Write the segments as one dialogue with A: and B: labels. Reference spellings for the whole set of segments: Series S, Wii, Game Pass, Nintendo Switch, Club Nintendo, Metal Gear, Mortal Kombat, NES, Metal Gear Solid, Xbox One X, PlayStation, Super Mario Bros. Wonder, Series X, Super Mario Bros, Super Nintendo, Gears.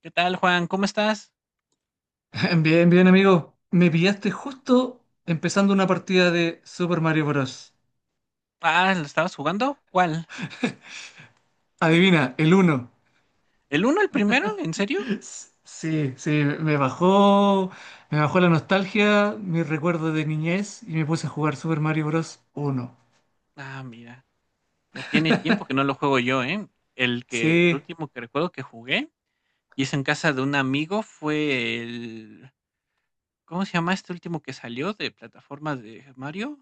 A: ¿Qué tal, Juan? ¿Cómo estás?
B: Bien, bien, amigo. Me pillaste justo empezando una partida de Super Mario Bros.
A: Ah, ¿lo estabas jugando? ¿Cuál?
B: Adivina, el uno.
A: ¿El uno, el primero? ¿En serio?
B: Sí, sí, me bajó, me bajó la nostalgia, mis recuerdos de niñez y me puse a jugar Super Mario Bros. Uno.
A: Ah, mira, ya tiene tiempo que no lo juego yo, ¿eh? El
B: Sí,
A: último que recuerdo que jugué, y es en casa de un amigo, fue el. ¿Cómo se llama este último que salió de plataformas de Mario?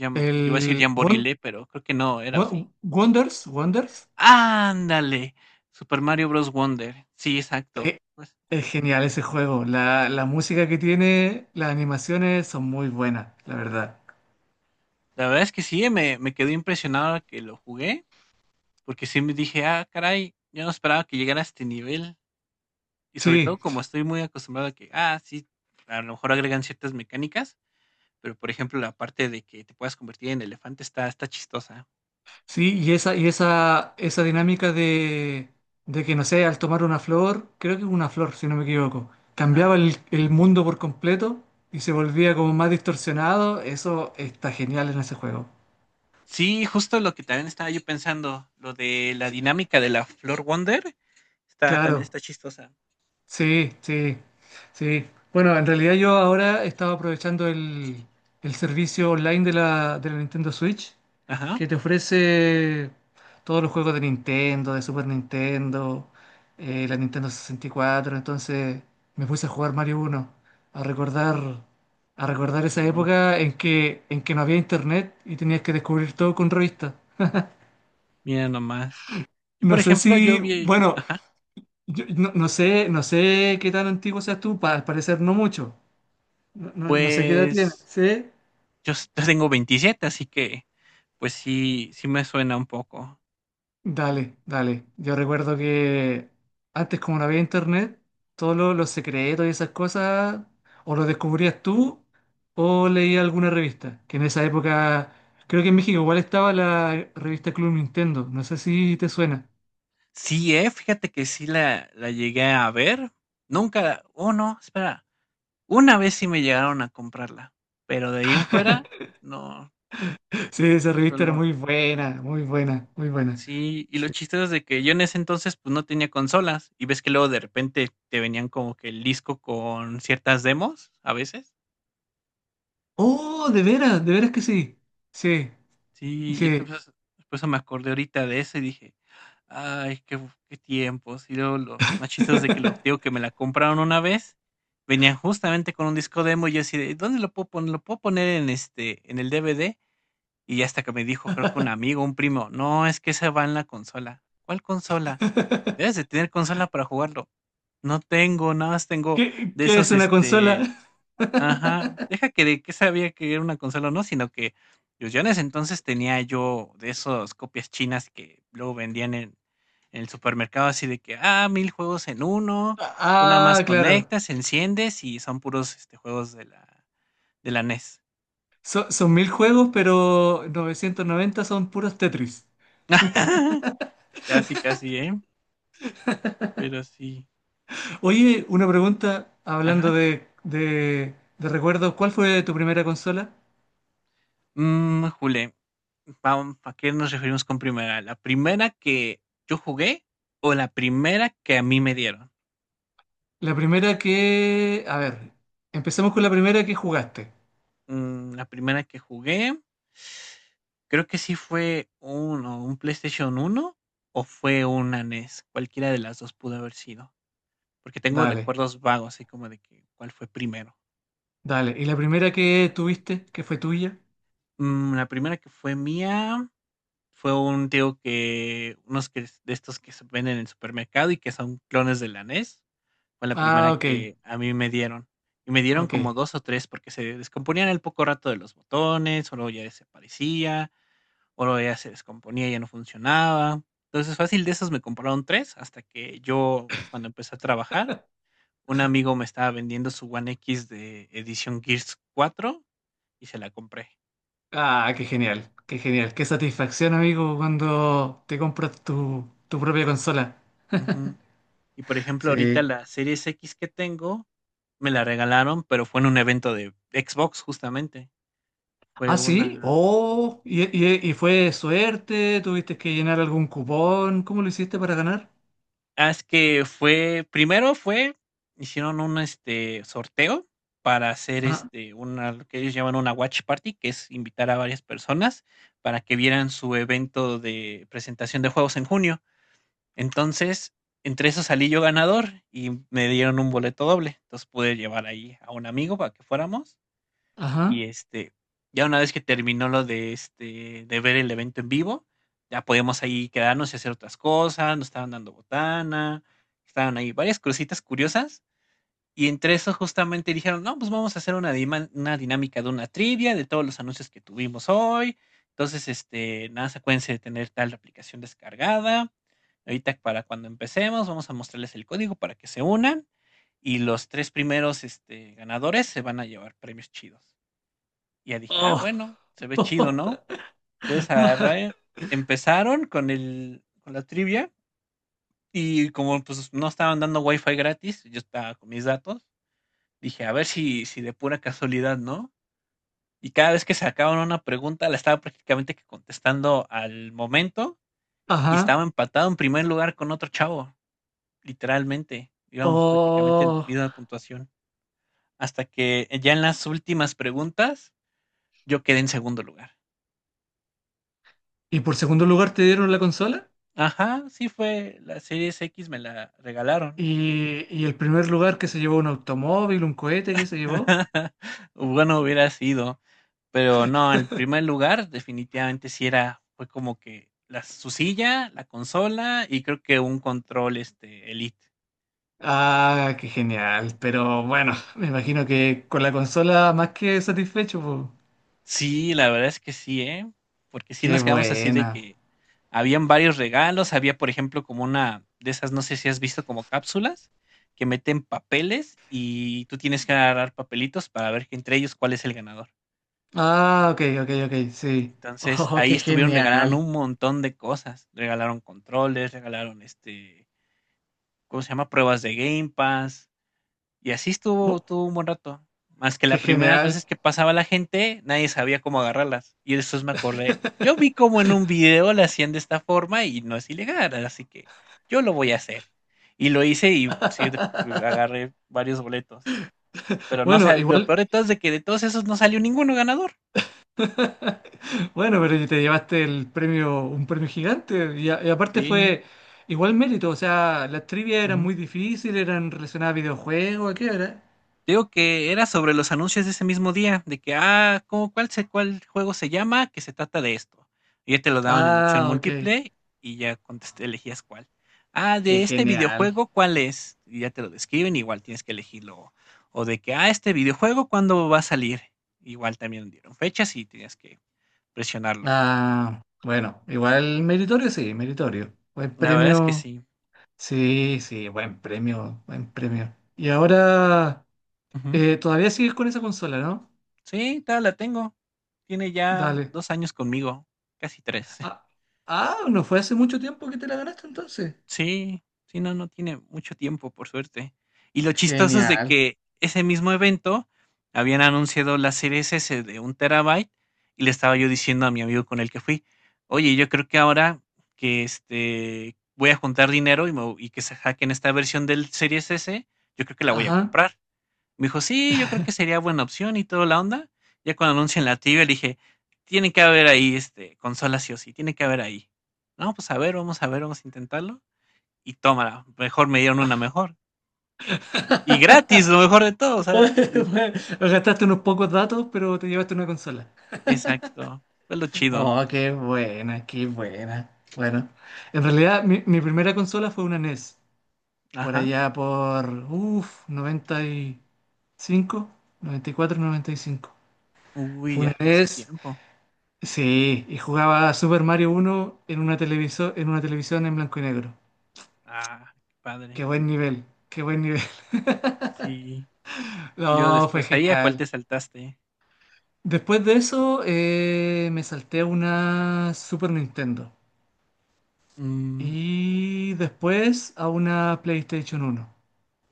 A: Iba a decir
B: el Won-
A: Jamborilé, pero creo que no era, ¿o sí?
B: Wonders, Wonders.
A: ¡Ándale! Super Mario Bros. Wonder. Sí, exacto.
B: Eh,
A: Pues
B: Es genial ese juego. La música que tiene, las animaciones son muy buenas, la verdad.
A: la verdad es que sí, me quedé impresionado que lo jugué. Porque sí me dije: "Ah, caray, yo no esperaba que llegara a este nivel". Y sobre todo,
B: Sí,
A: como estoy muy acostumbrado a que, sí, a lo mejor agregan ciertas mecánicas, pero, por ejemplo, la parte de que te puedas convertir en elefante está chistosa.
B: sí, y esa, y esa dinámica de que, no sé, al tomar una flor, creo que es una flor, si no me equivoco,
A: Ajá.
B: cambiaba el mundo por completo y se volvía como más distorsionado, eso está genial en ese juego.
A: Sí, justo lo que también estaba yo pensando, lo de la dinámica de la Flor Wonder está también
B: Claro,
A: está chistosa.
B: sí, sí, sí. Bueno, en realidad yo ahora estaba aprovechando el servicio online de la Nintendo Switch,
A: Ajá.
B: que te ofrece todos los juegos de Nintendo, de Super Nintendo, la Nintendo 64. Entonces me puse a jugar Mario uno, a recordar, a recordar
A: Viejos
B: esa época
A: momentos.
B: en que no había internet y tenías que descubrir todo con revistas.
A: Mira nomás. Yo,
B: No
A: por
B: sé
A: ejemplo, yo
B: si,
A: vi,
B: bueno,
A: ajá.
B: no sé qué tan antiguo seas tú, al parecer no mucho. No, no sé qué edad tienes,
A: Pues
B: ¿sí?
A: yo tengo 27, así que pues sí, sí me suena un poco.
B: Dale, dale. Yo
A: Y
B: recuerdo que antes, como no había internet, todos los secretos y esas cosas o los descubrías tú o leías alguna revista, que en esa época, creo que en México igual estaba la revista Club Nintendo, no sé si te suena.
A: sí, fíjate que sí la llegué a ver. Nunca, oh, no, espera, una vez sí me llegaron a comprarla, pero de ahí en fuera, no,
B: Sí, esa revista era
A: solo.
B: muy buena, muy buena, muy buena.
A: Sí, y lo chistoso es de que yo en ese entonces, pues, no tenía consolas, y ves que luego de repente te venían como que el disco con ciertas demos, a veces.
B: Oh, de veras que sí. Sí,
A: Sí, yo
B: sí.
A: entonces, pues me acordé ahorita de eso y dije: "Ay, qué qué tiempos". Y luego lo más chistoso es de que lo digo que me la compraron una vez, venían justamente con un disco demo y yo así de: "¿Dónde lo puedo poner? ¿Lo puedo poner en, en el DVD?". Y ya hasta que me dijo, creo que un amigo, un primo: "No, es que esa va en la consola". "¿Cuál consola?". "Debes de tener consola para jugarlo". "No tengo, nada más tengo
B: ¿Qué,
A: de
B: qué es
A: esos,
B: una consola?
A: ajá, deja que de qué sabía que era una consola o no, sino que pues yo en ese entonces tenía yo de esos copias chinas que luego vendían en el supermercado, así de que, 1000 juegos en uno, tú nada más
B: Ah, claro.
A: conectas, enciendes y son puros, juegos de la NES.
B: Son, son 1000 juegos, pero 990 son puros Tetris.
A: Casi, casi, ¿eh? Pero sí.
B: Oye, una pregunta, hablando
A: Ajá.
B: de recuerdos, ¿cuál fue tu primera consola?
A: Jule, vam ¿a qué nos referimos con primera? ¿La primera que yo jugué o la primera que a mí me dieron?
B: La primera que... A ver, empecemos con la primera que jugaste.
A: La primera que jugué, creo que sí fue un, o un PlayStation uno o fue una NES. Cualquiera de las dos pudo haber sido. Porque tengo
B: Dale,
A: recuerdos vagos, así como de que cuál fue primero.
B: dale. ¿Y la primera que tuviste, que fue tuya?
A: La primera que fue mía fue un tío que, unos que, de estos que se venden en el supermercado y que son clones de la NES. Fue la primera
B: Ah, ok,
A: que a mí me dieron. Y me dieron como
B: ok.
A: dos o tres porque se descomponían al poco rato de los botones, o luego ya desaparecía o luego ya se descomponía, ya no funcionaba. Entonces, fácil de esos me compraron tres hasta que yo, cuando empecé a trabajar, un amigo me estaba vendiendo su One X de edición Gears 4 y se la compré.
B: Ah, qué genial, qué genial. Qué satisfacción, amigo, cuando te compras tu, tu propia consola.
A: Ujú. Y por ejemplo, ahorita
B: Sí.
A: la Series X que tengo, me la regalaron, pero fue en un evento de Xbox justamente.
B: Ah,
A: Fue
B: sí.
A: una.
B: Oh, y fue suerte? ¿Tuviste que llenar algún cupón? ¿Cómo lo hiciste para ganar?
A: Ah, es que fue, primero fue, hicieron un sorteo para hacer
B: Ajá.
A: una, lo que ellos llaman una watch party, que es invitar a varias personas para que vieran su evento de presentación de juegos en junio. Entonces, entre eso salí yo ganador y me dieron un boleto doble. Entonces pude llevar ahí a un amigo para que fuéramos y
B: Ajá.
A: ya una vez que terminó lo de de ver el evento en vivo, ya podíamos ahí quedarnos y hacer otras cosas, nos estaban dando botana, estaban ahí varias cositas curiosas. Y entre eso justamente dijeron: "No, pues vamos a hacer una, una dinámica de una trivia de todos los anuncios que tuvimos hoy". Entonces, nada, se acuérdense de tener tal aplicación descargada. Ahorita para cuando empecemos, vamos a mostrarles el código para que se unan. Y los tres primeros, ganadores se van a llevar premios chidos. Y ya dije: "Ah,
B: Oh.
A: bueno, se ve chido, ¿no?". Entonces agarré, empezaron con el con la trivia y como pues no estaban dando wifi gratis, yo estaba con mis datos, dije: "A ver si de pura casualidad, ¿no?". Y cada vez que sacaban una pregunta, la estaba prácticamente que contestando al momento y estaba
B: Ajá.
A: empatado en primer lugar con otro chavo, literalmente. Íbamos prácticamente en
B: Oh.
A: misma puntuación, hasta que ya en las últimas preguntas yo quedé en segundo lugar.
B: ¿Y por segundo lugar te dieron la consola?
A: Ajá, sí fue la Series X, me la regalaron.
B: Y el primer lugar que se llevó, un automóvil, un cohete que se llevó?
A: Bueno, hubiera sido, pero no, el primer lugar definitivamente sí era, fue como que la, su silla, la consola y creo que un control Elite.
B: Ah, qué genial. Pero bueno, me imagino que con la consola más que satisfecho, po.
A: Sí, la verdad es que sí, ¿eh? Porque sí
B: Qué
A: nos quedamos así de
B: buena.
A: que habían varios regalos, había por ejemplo como una de esas, no sé si has visto como cápsulas que meten papeles y tú tienes que agarrar papelitos para ver que entre ellos cuál es el ganador.
B: Ah, ok, ok, ok, sí.
A: Entonces,
B: Oh,
A: ahí
B: qué
A: estuvieron, regalaron
B: genial.
A: un montón de cosas. Regalaron controles, regalaron ¿cómo se llama? Pruebas de Game Pass. Y así estuvo, estuvo un buen rato. Más que
B: Qué
A: las primeras
B: genial.
A: veces que pasaba la gente, nadie sabía cómo agarrarlas. Y después me acordé. Yo vi como en un video la hacían de esta forma y no es ilegal, así que yo lo voy a hacer. Y lo hice y sí, agarré varios boletos. Pero no
B: Bueno,
A: lo
B: igual,
A: peor de todo es de que de todos esos no salió ninguno ganador.
B: bueno, pero te llevaste el premio, un premio gigante y, y aparte
A: Sí.
B: fue igual mérito, o sea, las trivias eran
A: Ujú.
B: muy difíciles, eran relacionadas a videojuegos, ¿a ¿qué era?
A: Digo que era sobre los anuncios de ese mismo día, de que, ah, ¿cómo, cuál, cuál juego se llama? Que se trata de esto. Y ya te lo daban en opción
B: Ah, ok,
A: múltiple y ya contesté, elegías cuál. Ah,
B: qué
A: de este
B: genial.
A: videojuego, ¿cuál es? Y ya te lo describen, igual tienes que elegirlo. O de que, ah, este videojuego, ¿cuándo va a salir? Igual también dieron fechas y tenías que presionarlo.
B: Ah, bueno, igual meritorio, sí, meritorio. Buen
A: La verdad es que
B: premio,
A: sí.
B: sí, sí, buen premio, buen premio. Y ahora,
A: Ujú.
B: todavía sigues con esa consola, ¿no?
A: Sí, todavía la tengo. Tiene ya
B: Dale.
A: 2 años conmigo, casi tres.
B: Ah, ah, no fue hace mucho tiempo que te la ganaste entonces.
A: Sí, sí, no, no tiene mucho tiempo, por suerte. Y lo chistoso es de
B: Genial.
A: que ese mismo evento habían anunciado la serie S de 1 TB y le estaba yo diciendo a mi amigo con el que fui: "Oye, yo creo que ahora que voy a juntar dinero y, y que se hackeen esta versión del Series S, yo creo que la voy a
B: Ajá.
A: comprar". Me dijo: "Sí, yo creo que sería buena opción y toda la onda". Ya cuando anuncian la tibia, le dije: "Tiene que haber ahí consola sí o sí, tiene que haber ahí". "No, pues a ver, vamos a ver, vamos a intentarlo". Y tómala, mejor me dieron una mejor. Y gratis, lo mejor de todo, o
B: Bueno,
A: sea,
B: gastaste unos pocos datos, pero te llevaste una consola.
A: exacto, fue lo chido.
B: Oh, qué buena, qué buena. Bueno, en realidad, mi primera consola fue una NES. Por
A: Ajá.
B: allá por, uff, 90 noventa y cinco, 94, 95.
A: Uy,
B: Fue
A: ya
B: una
A: fue hace
B: NES,
A: tiempo.
B: sí, y jugaba Super Mario uno en una televisor, en una televisión en blanco y negro.
A: Ah, qué
B: Qué
A: padre.
B: buen nivel, qué buen nivel.
A: Sí. Y luego
B: No, fue
A: después ahí, ¿a cuál te
B: genial.
A: saltaste?
B: Después de eso, me salté a una Super Nintendo
A: Mm.
B: y después a una PlayStation uno,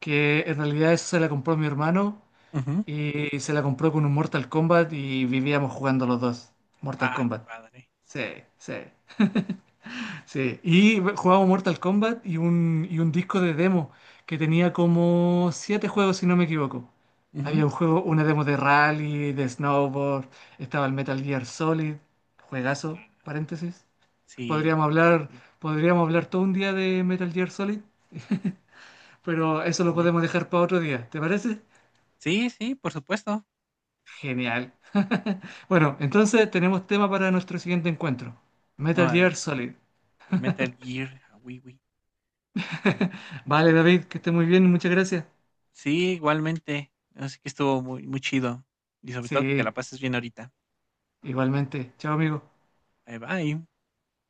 B: que en realidad esa se la compró mi hermano
A: Ujú.
B: y se la compró con un Mortal Kombat y vivíamos jugando los dos. Mortal
A: Ah, qué
B: Kombat.
A: padre.
B: Sí, sí. Sí, y jugaba Mortal Kombat y un disco de demo que tenía como 7 juegos, si no me equivoco. Había
A: Ujú.
B: un juego, una demo de rally, de snowboard, estaba el Metal Gear Solid, juegazo,
A: Ah,
B: paréntesis.
A: sí,
B: Podríamos
A: la.
B: hablar,
A: Sí,
B: podríamos hablar todo un día de Metal Gear Solid, pero eso lo
A: vale.
B: podemos dejar para otro día, ¿te parece?
A: Sí, sí, por supuesto.
B: Genial. Bueno, entonces tenemos tema para nuestro siguiente encuentro. Metal
A: Órale,
B: Gear
A: pues.
B: Solid.
A: El Metal Gear, a Wii.
B: Vale, David, que esté muy bien, muchas gracias.
A: Sí, igualmente. Así que estuvo muy, muy chido. Y sobre todo que te
B: Sí,
A: la pases bien ahorita.
B: igualmente. Chao, amigo.
A: Bye bye.